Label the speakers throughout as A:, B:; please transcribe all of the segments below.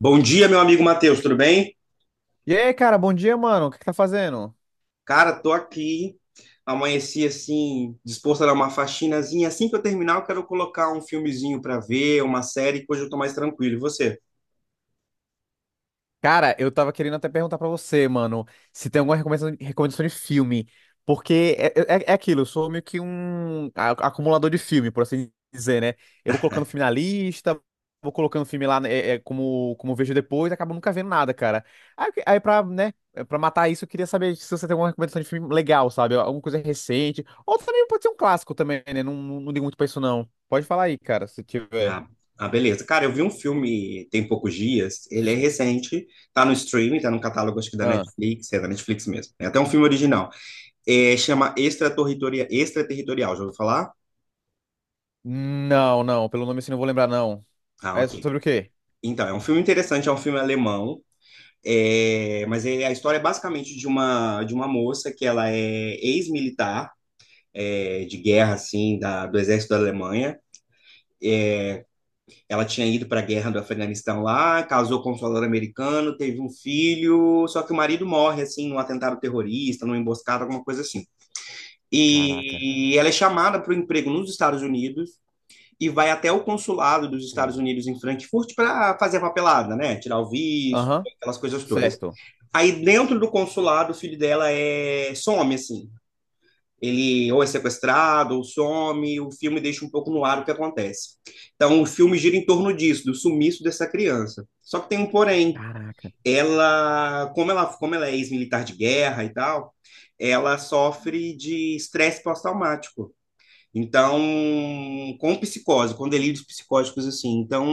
A: Bom dia, meu amigo Matheus, tudo bem?
B: E aí, cara, bom dia, mano. O que que tá fazendo?
A: Cara, tô aqui. Amanheci assim, disposto a dar uma faxinazinha. Assim que eu terminar, eu quero colocar um filmezinho pra ver, uma série, que hoje eu tô mais tranquilo. E você?
B: Cara, eu tava querendo até perguntar pra você, mano, se tem alguma recomendação de filme. Porque é aquilo, eu sou meio que um acumulador de filme, por assim dizer, né? Eu vou colocando filme na lista, vou colocando filme lá, né, como vejo depois, acabo nunca vendo nada, cara. Aí, pra, né, pra matar isso, eu queria saber se você tem alguma recomendação de filme legal, sabe? Alguma coisa recente. Ou também pode ser um clássico também, né? Não, não, não ligo muito pra isso, não. Pode falar aí, cara, se tiver.
A: Ah, beleza. Cara, eu vi um filme tem poucos dias, ele é recente, tá no streaming, tá no catálogo acho que da
B: Ah.
A: Netflix, é da Netflix mesmo. É até um filme original. É, chama Extraterritorial, Extraterritorial, já ouviu falar?
B: Não, não. Pelo nome assim não vou lembrar, não.
A: Ah,
B: É
A: ok.
B: sobre o quê?
A: Então, é um filme interessante, é um filme alemão. É, mas a história é basicamente de uma moça que ela é ex-militar, é, de guerra, assim, do exército da Alemanha. Ela tinha ido para a guerra do Afeganistão lá, casou com um soldado americano, teve um filho, só que o marido morre, assim, num atentado terrorista, numa emboscada, alguma coisa assim.
B: Caraca.
A: E ela é chamada para o emprego nos Estados Unidos e vai até o consulado dos Estados
B: Hum.
A: Unidos em Frankfurt para fazer a papelada, né? Tirar o visto,
B: Aham,
A: aquelas coisas todas.
B: certo.
A: Aí dentro do consulado, o filho dela é some, assim. Ele ou é sequestrado, ou some, o filme deixa um pouco no ar o que acontece. Então o filme gira em torno disso, do sumiço dessa criança. Só que tem um porém.
B: Caraca.
A: Ela, como ela é ex-militar de guerra e tal, ela sofre de estresse pós-traumático. Então, com psicose, com delírios psicóticos assim. Então,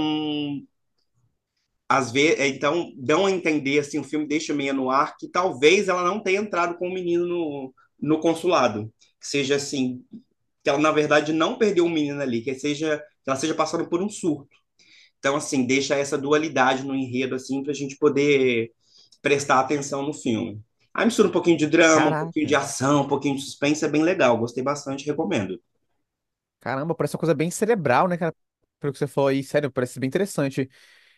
A: às vezes, então dão a entender assim, o filme deixa meio no ar que talvez ela não tenha entrado com o menino no consulado, que seja assim, que ela na verdade não perdeu o menino ali, que seja que ela seja passando por um surto. Então assim, deixa essa dualidade no enredo assim para a gente poder prestar atenção no filme. Aí mistura um pouquinho de drama, um pouquinho de
B: Caraca.
A: ação, um pouquinho de suspense, é bem legal, gostei bastante, recomendo.
B: Caramba, parece uma coisa bem cerebral, né, cara? Pelo que você falou aí, sério, parece bem interessante.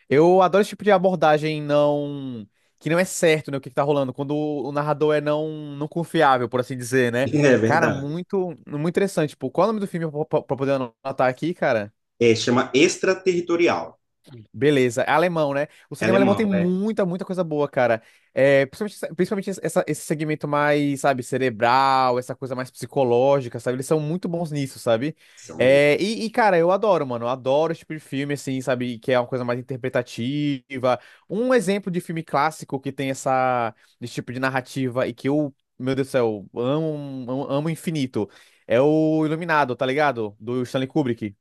B: Eu adoro esse tipo de abordagem, não, que não é certo, né, o que que tá rolando, quando o narrador é não, não confiável, por assim dizer, né?
A: É
B: Cara,
A: verdade.
B: muito, muito interessante. Tipo, qual é o nome do filme pra, pra poder anotar aqui, cara?
A: É, chama Extraterritorial,
B: Beleza, é alemão, né? O cinema alemão tem
A: alemão, né?
B: muita, muita coisa boa, cara. É, principalmente esse segmento mais, sabe, cerebral, essa coisa mais psicológica, sabe? Eles são muito bons nisso, sabe?
A: São mesmo.
B: É, cara, eu adoro, mano. Eu adoro esse tipo de filme, assim, sabe? Que é uma coisa mais interpretativa. Um exemplo de filme clássico que tem esse tipo de narrativa e que eu, meu Deus do céu, amo, amo, amo infinito. É o Iluminado, tá ligado? Do Stanley Kubrick.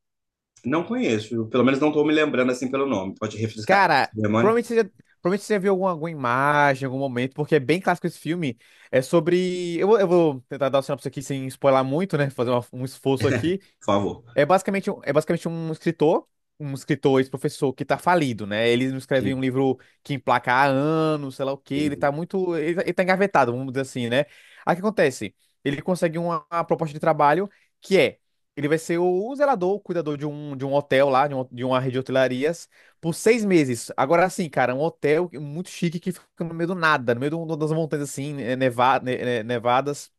A: Não conheço, pelo menos não estou me lembrando assim pelo nome. Pode refrescar a
B: Cara,
A: memória,
B: provavelmente você já, provavelmente você já viu alguma imagem, em algum momento, porque é bem clássico esse filme. É sobre. Eu vou tentar dar o sinopse aqui sem spoiler muito, né? Fazer um esforço aqui.
A: por favor.
B: É basicamente um escritor, ex-professor que tá falido, né? Ele não escreve um
A: Sim,
B: livro que emplaca há anos, sei lá o quê, ele tá
A: entendi.
B: muito. Ele tá engavetado, vamos dizer assim, né? Aí o que acontece? Ele consegue uma proposta de trabalho que é. Ele vai ser o zelador, o cuidador de um hotel lá, de uma rede de hotelarias, por 6 meses. Agora sim, cara, um hotel muito chique que fica no meio do nada, no meio das montanhas assim, nevadas.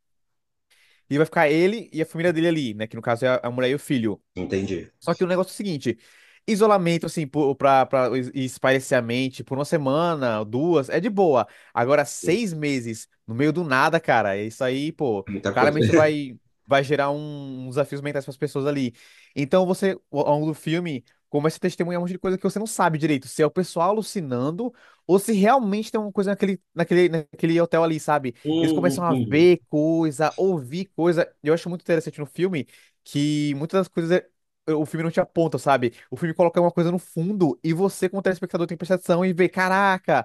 B: E vai ficar ele e a família dele ali, né? Que no caso é a mulher e o filho.
A: Entendi.
B: Só que o negócio é o seguinte: isolamento, assim, pra, pra espairecer a mente por uma semana, duas, é de boa. Agora,
A: Sim,
B: 6 meses, no meio do nada, cara, é isso aí, pô,
A: muita coisa.
B: claramente vai gerar uns desafios mentais pras pessoas ali. Então, você, ao longo do filme, começa a testemunhar um monte de coisa que você não sabe direito: se é o pessoal alucinando ou se realmente tem uma coisa naquele hotel ali, sabe? Eles começam a
A: Entendi.
B: ver coisa, ouvir coisa. Eu acho muito interessante no filme que muitas das coisas é o filme não te aponta, sabe? O filme coloca uma coisa no fundo e você, como telespectador, tem que atenção e vê, caraca,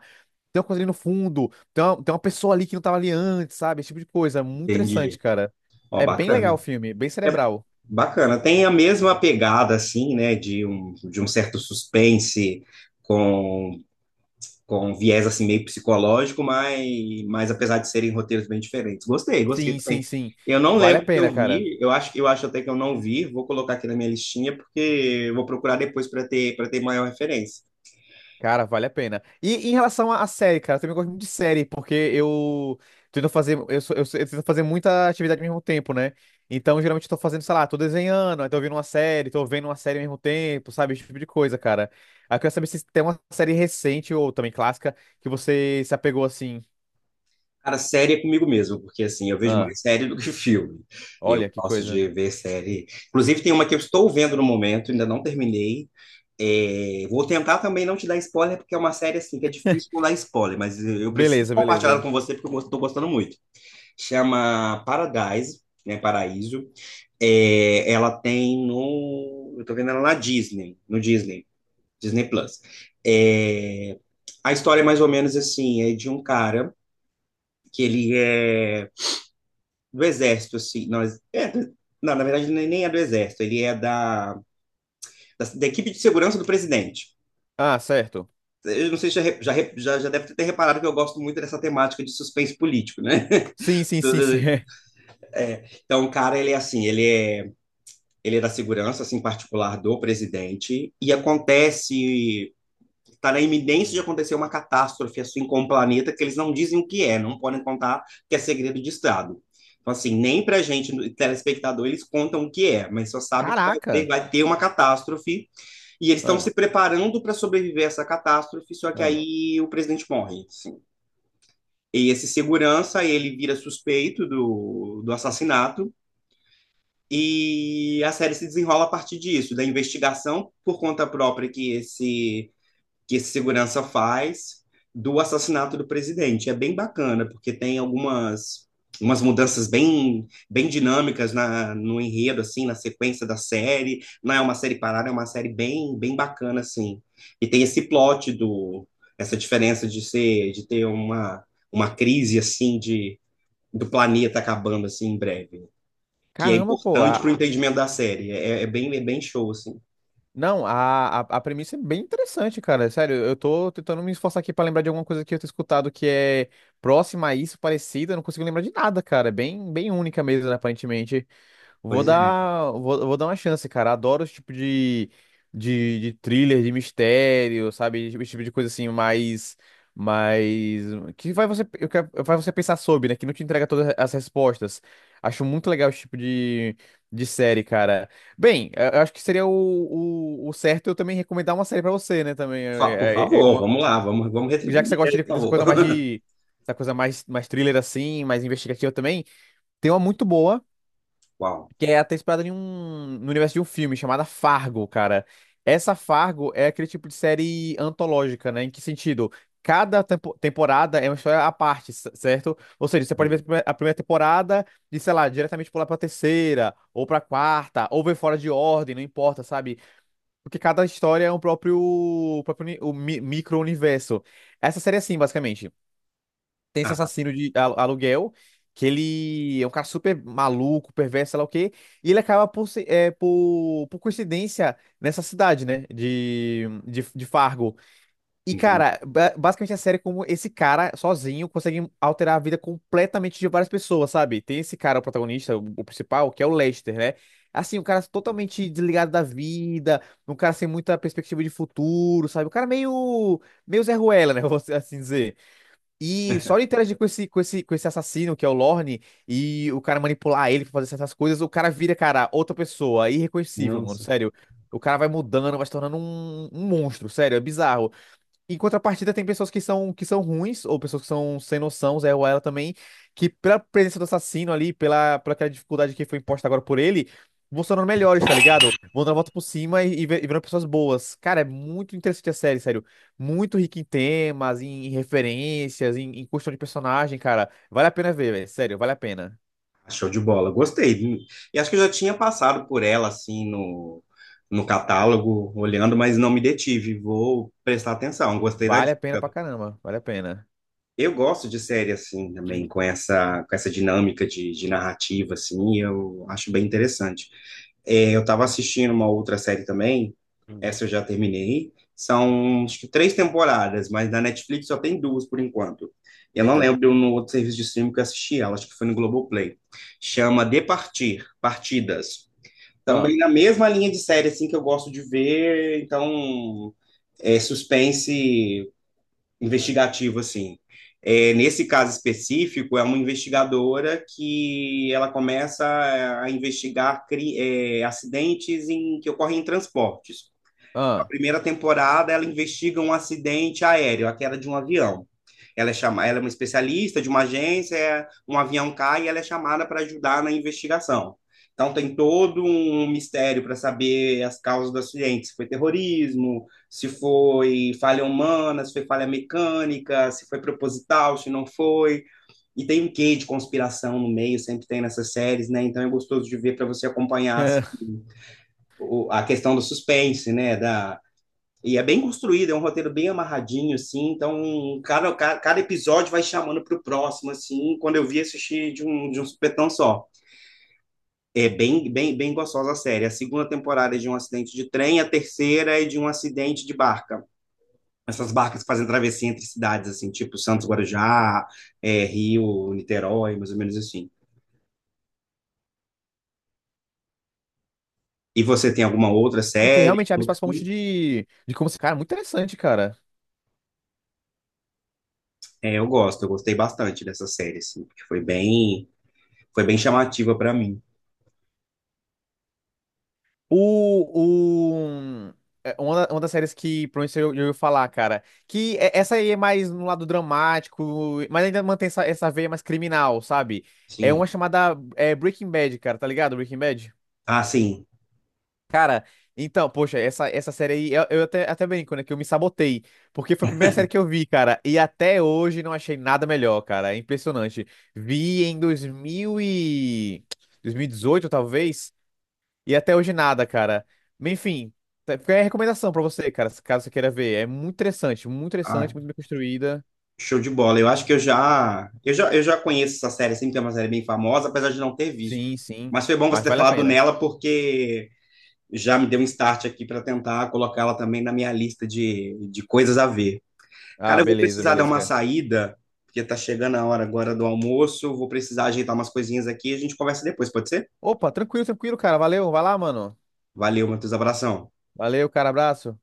B: tem uma coisa ali no fundo, tem uma pessoa ali que não tava ali antes, sabe? Esse tipo de coisa é muito interessante,
A: Entendi.
B: cara.
A: Ó,
B: É bem legal
A: bacana.
B: o filme, bem
A: É
B: cerebral.
A: bacana. Tem a mesma pegada, assim, né, de um certo suspense com com viés assim meio psicológico, mas apesar de serem roteiros bem diferentes. Gostei, gostei
B: Sim,
A: também.
B: sim, sim.
A: Eu não
B: Vale a
A: lembro que
B: pena,
A: eu
B: cara.
A: vi, eu acho até que eu não vi, vou colocar aqui na minha listinha, porque eu vou procurar depois para ter maior referência.
B: Cara, vale a pena. E, em relação à série, cara, eu também gosto muito de série, porque eu tento fazer, eu, sou- eu, sou- eu tento fazer muita atividade ao mesmo tempo, né? Então, geralmente eu tô fazendo, sei lá, tô desenhando, aí tô ouvindo uma série, tô vendo uma série ao mesmo tempo, sabe? Esse tipo de coisa, cara. Aí eu quero saber se tem uma série recente ou também clássica que você se apegou assim.
A: Cara, série é comigo mesmo, porque assim, eu vejo
B: Ah,
A: mais série do que filme. Eu
B: olha que
A: gosto
B: coisa.
A: de ver série. Inclusive, tem uma que eu estou vendo no momento, ainda não terminei. É, vou tentar também não te dar spoiler, porque é uma série assim que é difícil não dar spoiler, mas eu preciso
B: Beleza,
A: compartilhar ela
B: beleza.
A: com você porque eu estou gostando muito. Chama Paradise, né? Paraíso. É, ela tem no. Eu tô vendo ela na Disney, no Disney Plus. É, a história é mais ou menos assim, é de um cara que ele é do Exército, assim. Nós, é, não, na verdade, nem é do Exército, ele é da, da equipe de segurança do presidente.
B: Ah, certo.
A: Eu não sei se já deve ter reparado que eu gosto muito dessa temática de suspense político, né?
B: Sim, sim, sim, sim. é.
A: Então, o cara, ele é assim, ele é da segurança, assim, particular do presidente, e acontece está na iminência de acontecer uma catástrofe assim com o planeta que eles não dizem o que é, não podem contar que é segredo de Estado. Então, assim, nem para a gente, telespectador, eles contam o que é, mas só sabe que
B: Caraca.
A: vai ter uma catástrofe e eles estão
B: Ah,
A: se preparando para sobreviver a essa catástrofe, só que
B: ah.
A: aí o presidente morre, assim. E esse segurança, ele vira suspeito do assassinato, e a série se desenrola a partir disso, da investigação por conta própria que esse segurança faz do assassinato do presidente. É bem bacana, porque tem algumas umas mudanças bem bem dinâmicas no enredo assim, na sequência da série. Não é uma série parada, é uma série bem bem bacana assim. E tem esse plot do essa diferença de ser de ter uma crise assim de do planeta acabando assim em breve, que é
B: Caramba, pô.
A: importante para o entendimento da série. É, é bem show assim.
B: Não, a premissa é bem interessante, cara. Sério, eu tô tentando me esforçar aqui pra lembrar de alguma coisa que eu tenho escutado que é próxima a isso, parecida. Eu não consigo lembrar de nada, cara. É bem, bem única mesmo, né, aparentemente. Vou
A: Pois é.
B: dar, vou, vou dar uma chance, cara. Adoro esse tipo de thriller, de mistério, sabe? Esse tipo de coisa assim, mais, que vai você, faz você pensar sobre, né? Que não te entrega todas as respostas. Acho muito legal esse tipo de série, cara. Bem, eu acho que seria o certo eu também recomendar uma série pra você, né? Também,
A: Por favor, vamos lá, vamos
B: Já que você
A: retribuir,
B: gosta
A: por
B: dessa
A: favor.
B: coisa mais dessa coisa mais, mais thriller assim, mais investigativa também. Tem uma muito boa.
A: Uau,
B: Que é até inspirada em um, no universo de um filme chamada Fargo, cara. Essa Fargo é aquele tipo de série antológica, né? Em que sentido? Cada temporada é uma história à parte, c- certo? Ou seja, você pode ver
A: entendi.
B: a primeira temporada e, sei lá, diretamente pular pra terceira, ou pra quarta, ou ver fora de ordem, não importa, sabe? Porque cada história é um próprio, próprio uni- o mi- micro-universo. Essa série é assim, basicamente. Tem esse
A: Ah, tá,
B: assassino de aluguel, que ele é um cara super maluco, perverso, sei lá o quê, e ele acaba por, se- é, por coincidência nessa cidade, né, de Fargo. E,
A: entendi.
B: cara, basicamente a série é como esse cara, sozinho, consegue alterar a vida completamente de várias pessoas, sabe? Tem esse cara, o protagonista, o principal, que é o Lester, né? Assim, um cara totalmente desligado da vida, um cara sem muita perspectiva de futuro, sabe? O cara meio Zé Ruela, né? Vou assim dizer. E só ele interagir com esse assassino, que é o Lorne, e o cara manipular ele pra fazer certas coisas, o cara vira, cara, outra pessoa, é irreconhecível, mano,
A: Nossa,
B: sério. O cara vai mudando, vai se tornando um monstro, sério, é bizarro. Em contrapartida, tem pessoas que são ruins, ou pessoas que são sem noção, Zé Ruela também, que pela presença do assassino ali, pela aquela dificuldade que foi imposta agora por ele, vão se tornando melhores, tá ligado? Vão dando a volta por cima e, e virando pessoas boas. Cara, é muito interessante a série, sério. Muito rica em temas, em referências, em questão de personagem, cara. Vale a pena ver, velho. Sério, vale a pena.
A: show de bola. Gostei, viu? E acho que eu já tinha passado por ela assim no catálogo, olhando, mas não me detive. Vou prestar atenção. Gostei da
B: Vale a pena pra
A: dica.
B: caramba. Vale a pena.
A: Eu gosto de série assim também,
B: Hum,
A: com essa dinâmica de narrativa assim, eu acho bem interessante. É, eu estava assistindo uma outra série também,
B: hum.
A: essa eu já terminei. São acho que três temporadas, mas na Netflix só tem duas por enquanto. Eu não
B: Eita.
A: lembro no outro serviço de streaming que eu assisti ela, acho que foi no Globoplay. Chama De Partir, Partidas. Também
B: Ah,
A: na mesma linha de série assim que eu gosto de ver, então é suspense investigativo, assim. É, nesse caso específico, é uma investigadora que ela começa a investigar é, acidentes em, que ocorrem em transportes. Na
B: ah.
A: primeira temporada, ela investiga um acidente aéreo, a queda de um avião. Ela é, chama... ela é uma especialista de uma agência, é, um avião cai e ela é chamada para ajudar na investigação. Então tem todo um mistério para saber as causas do acidente, se foi terrorismo, se foi falha humana, se foi falha mecânica, se foi proposital, se não foi. E tem um quê de conspiração no meio, sempre tem nessas séries, né? Então é gostoso de ver para você acompanhar assim, a questão do suspense, né? Da, e é bem construído, é um roteiro bem amarradinho, assim. Então, cada episódio vai chamando pro próximo, assim. Quando eu vi, assistir de um supetão só. É bem, bem, bem gostosa a série. A segunda temporada é de um acidente de trem, a terceira é de um acidente de barca. Essas barcas que fazem travessia entre cidades, assim, tipo Santos Guarujá, é, Rio, Niterói, mais ou menos assim. E você tem alguma outra
B: Porque
A: série?
B: realmente abre espaço pra um monte de como. Cara, é muito interessante, cara.
A: É, eu gosto, eu gostei bastante dessa série, assim, porque foi bem chamativa para mim.
B: O, é, uma, da- uma das séries que provavelmente eu ia falar, cara, essa aí é mais no lado dramático, mas ainda mantém essa veia mais criminal, sabe? É uma
A: Sim.
B: chamada Breaking Bad, cara, tá ligado? Breaking Bad?
A: Ah, sim.
B: Cara, então, poxa, essa série aí, eu até brinco, né, que eu me sabotei, porque foi a primeira série que eu vi, cara, e até hoje não achei nada melhor, cara, é impressionante. Vi em 2018 talvez. E até hoje nada, cara. Mas, enfim, fica aí a recomendação pra você, cara, caso você queira ver. É muito interessante, muito interessante,
A: Ah,
B: muito bem construída.
A: show de bola. Eu acho que eu já conheço essa série, sempre que é uma série bem famosa, apesar de não ter visto.
B: Sim, sim.
A: Mas foi bom você
B: Mas
A: ter
B: vale a
A: falado
B: pena.
A: nela, porque já me deu um start aqui para tentar colocá-la também na minha lista de coisas a ver.
B: Ah,
A: Cara, eu vou
B: beleza,
A: precisar dar
B: beleza,
A: uma
B: cara.
A: saída, porque tá chegando a hora agora do almoço. Vou precisar ajeitar umas coisinhas aqui e a gente conversa depois, pode ser?
B: Opa, tranquilo, tranquilo, cara. Valeu, vai lá, mano.
A: Valeu, Matheus, abração.
B: Valeu, cara, abraço.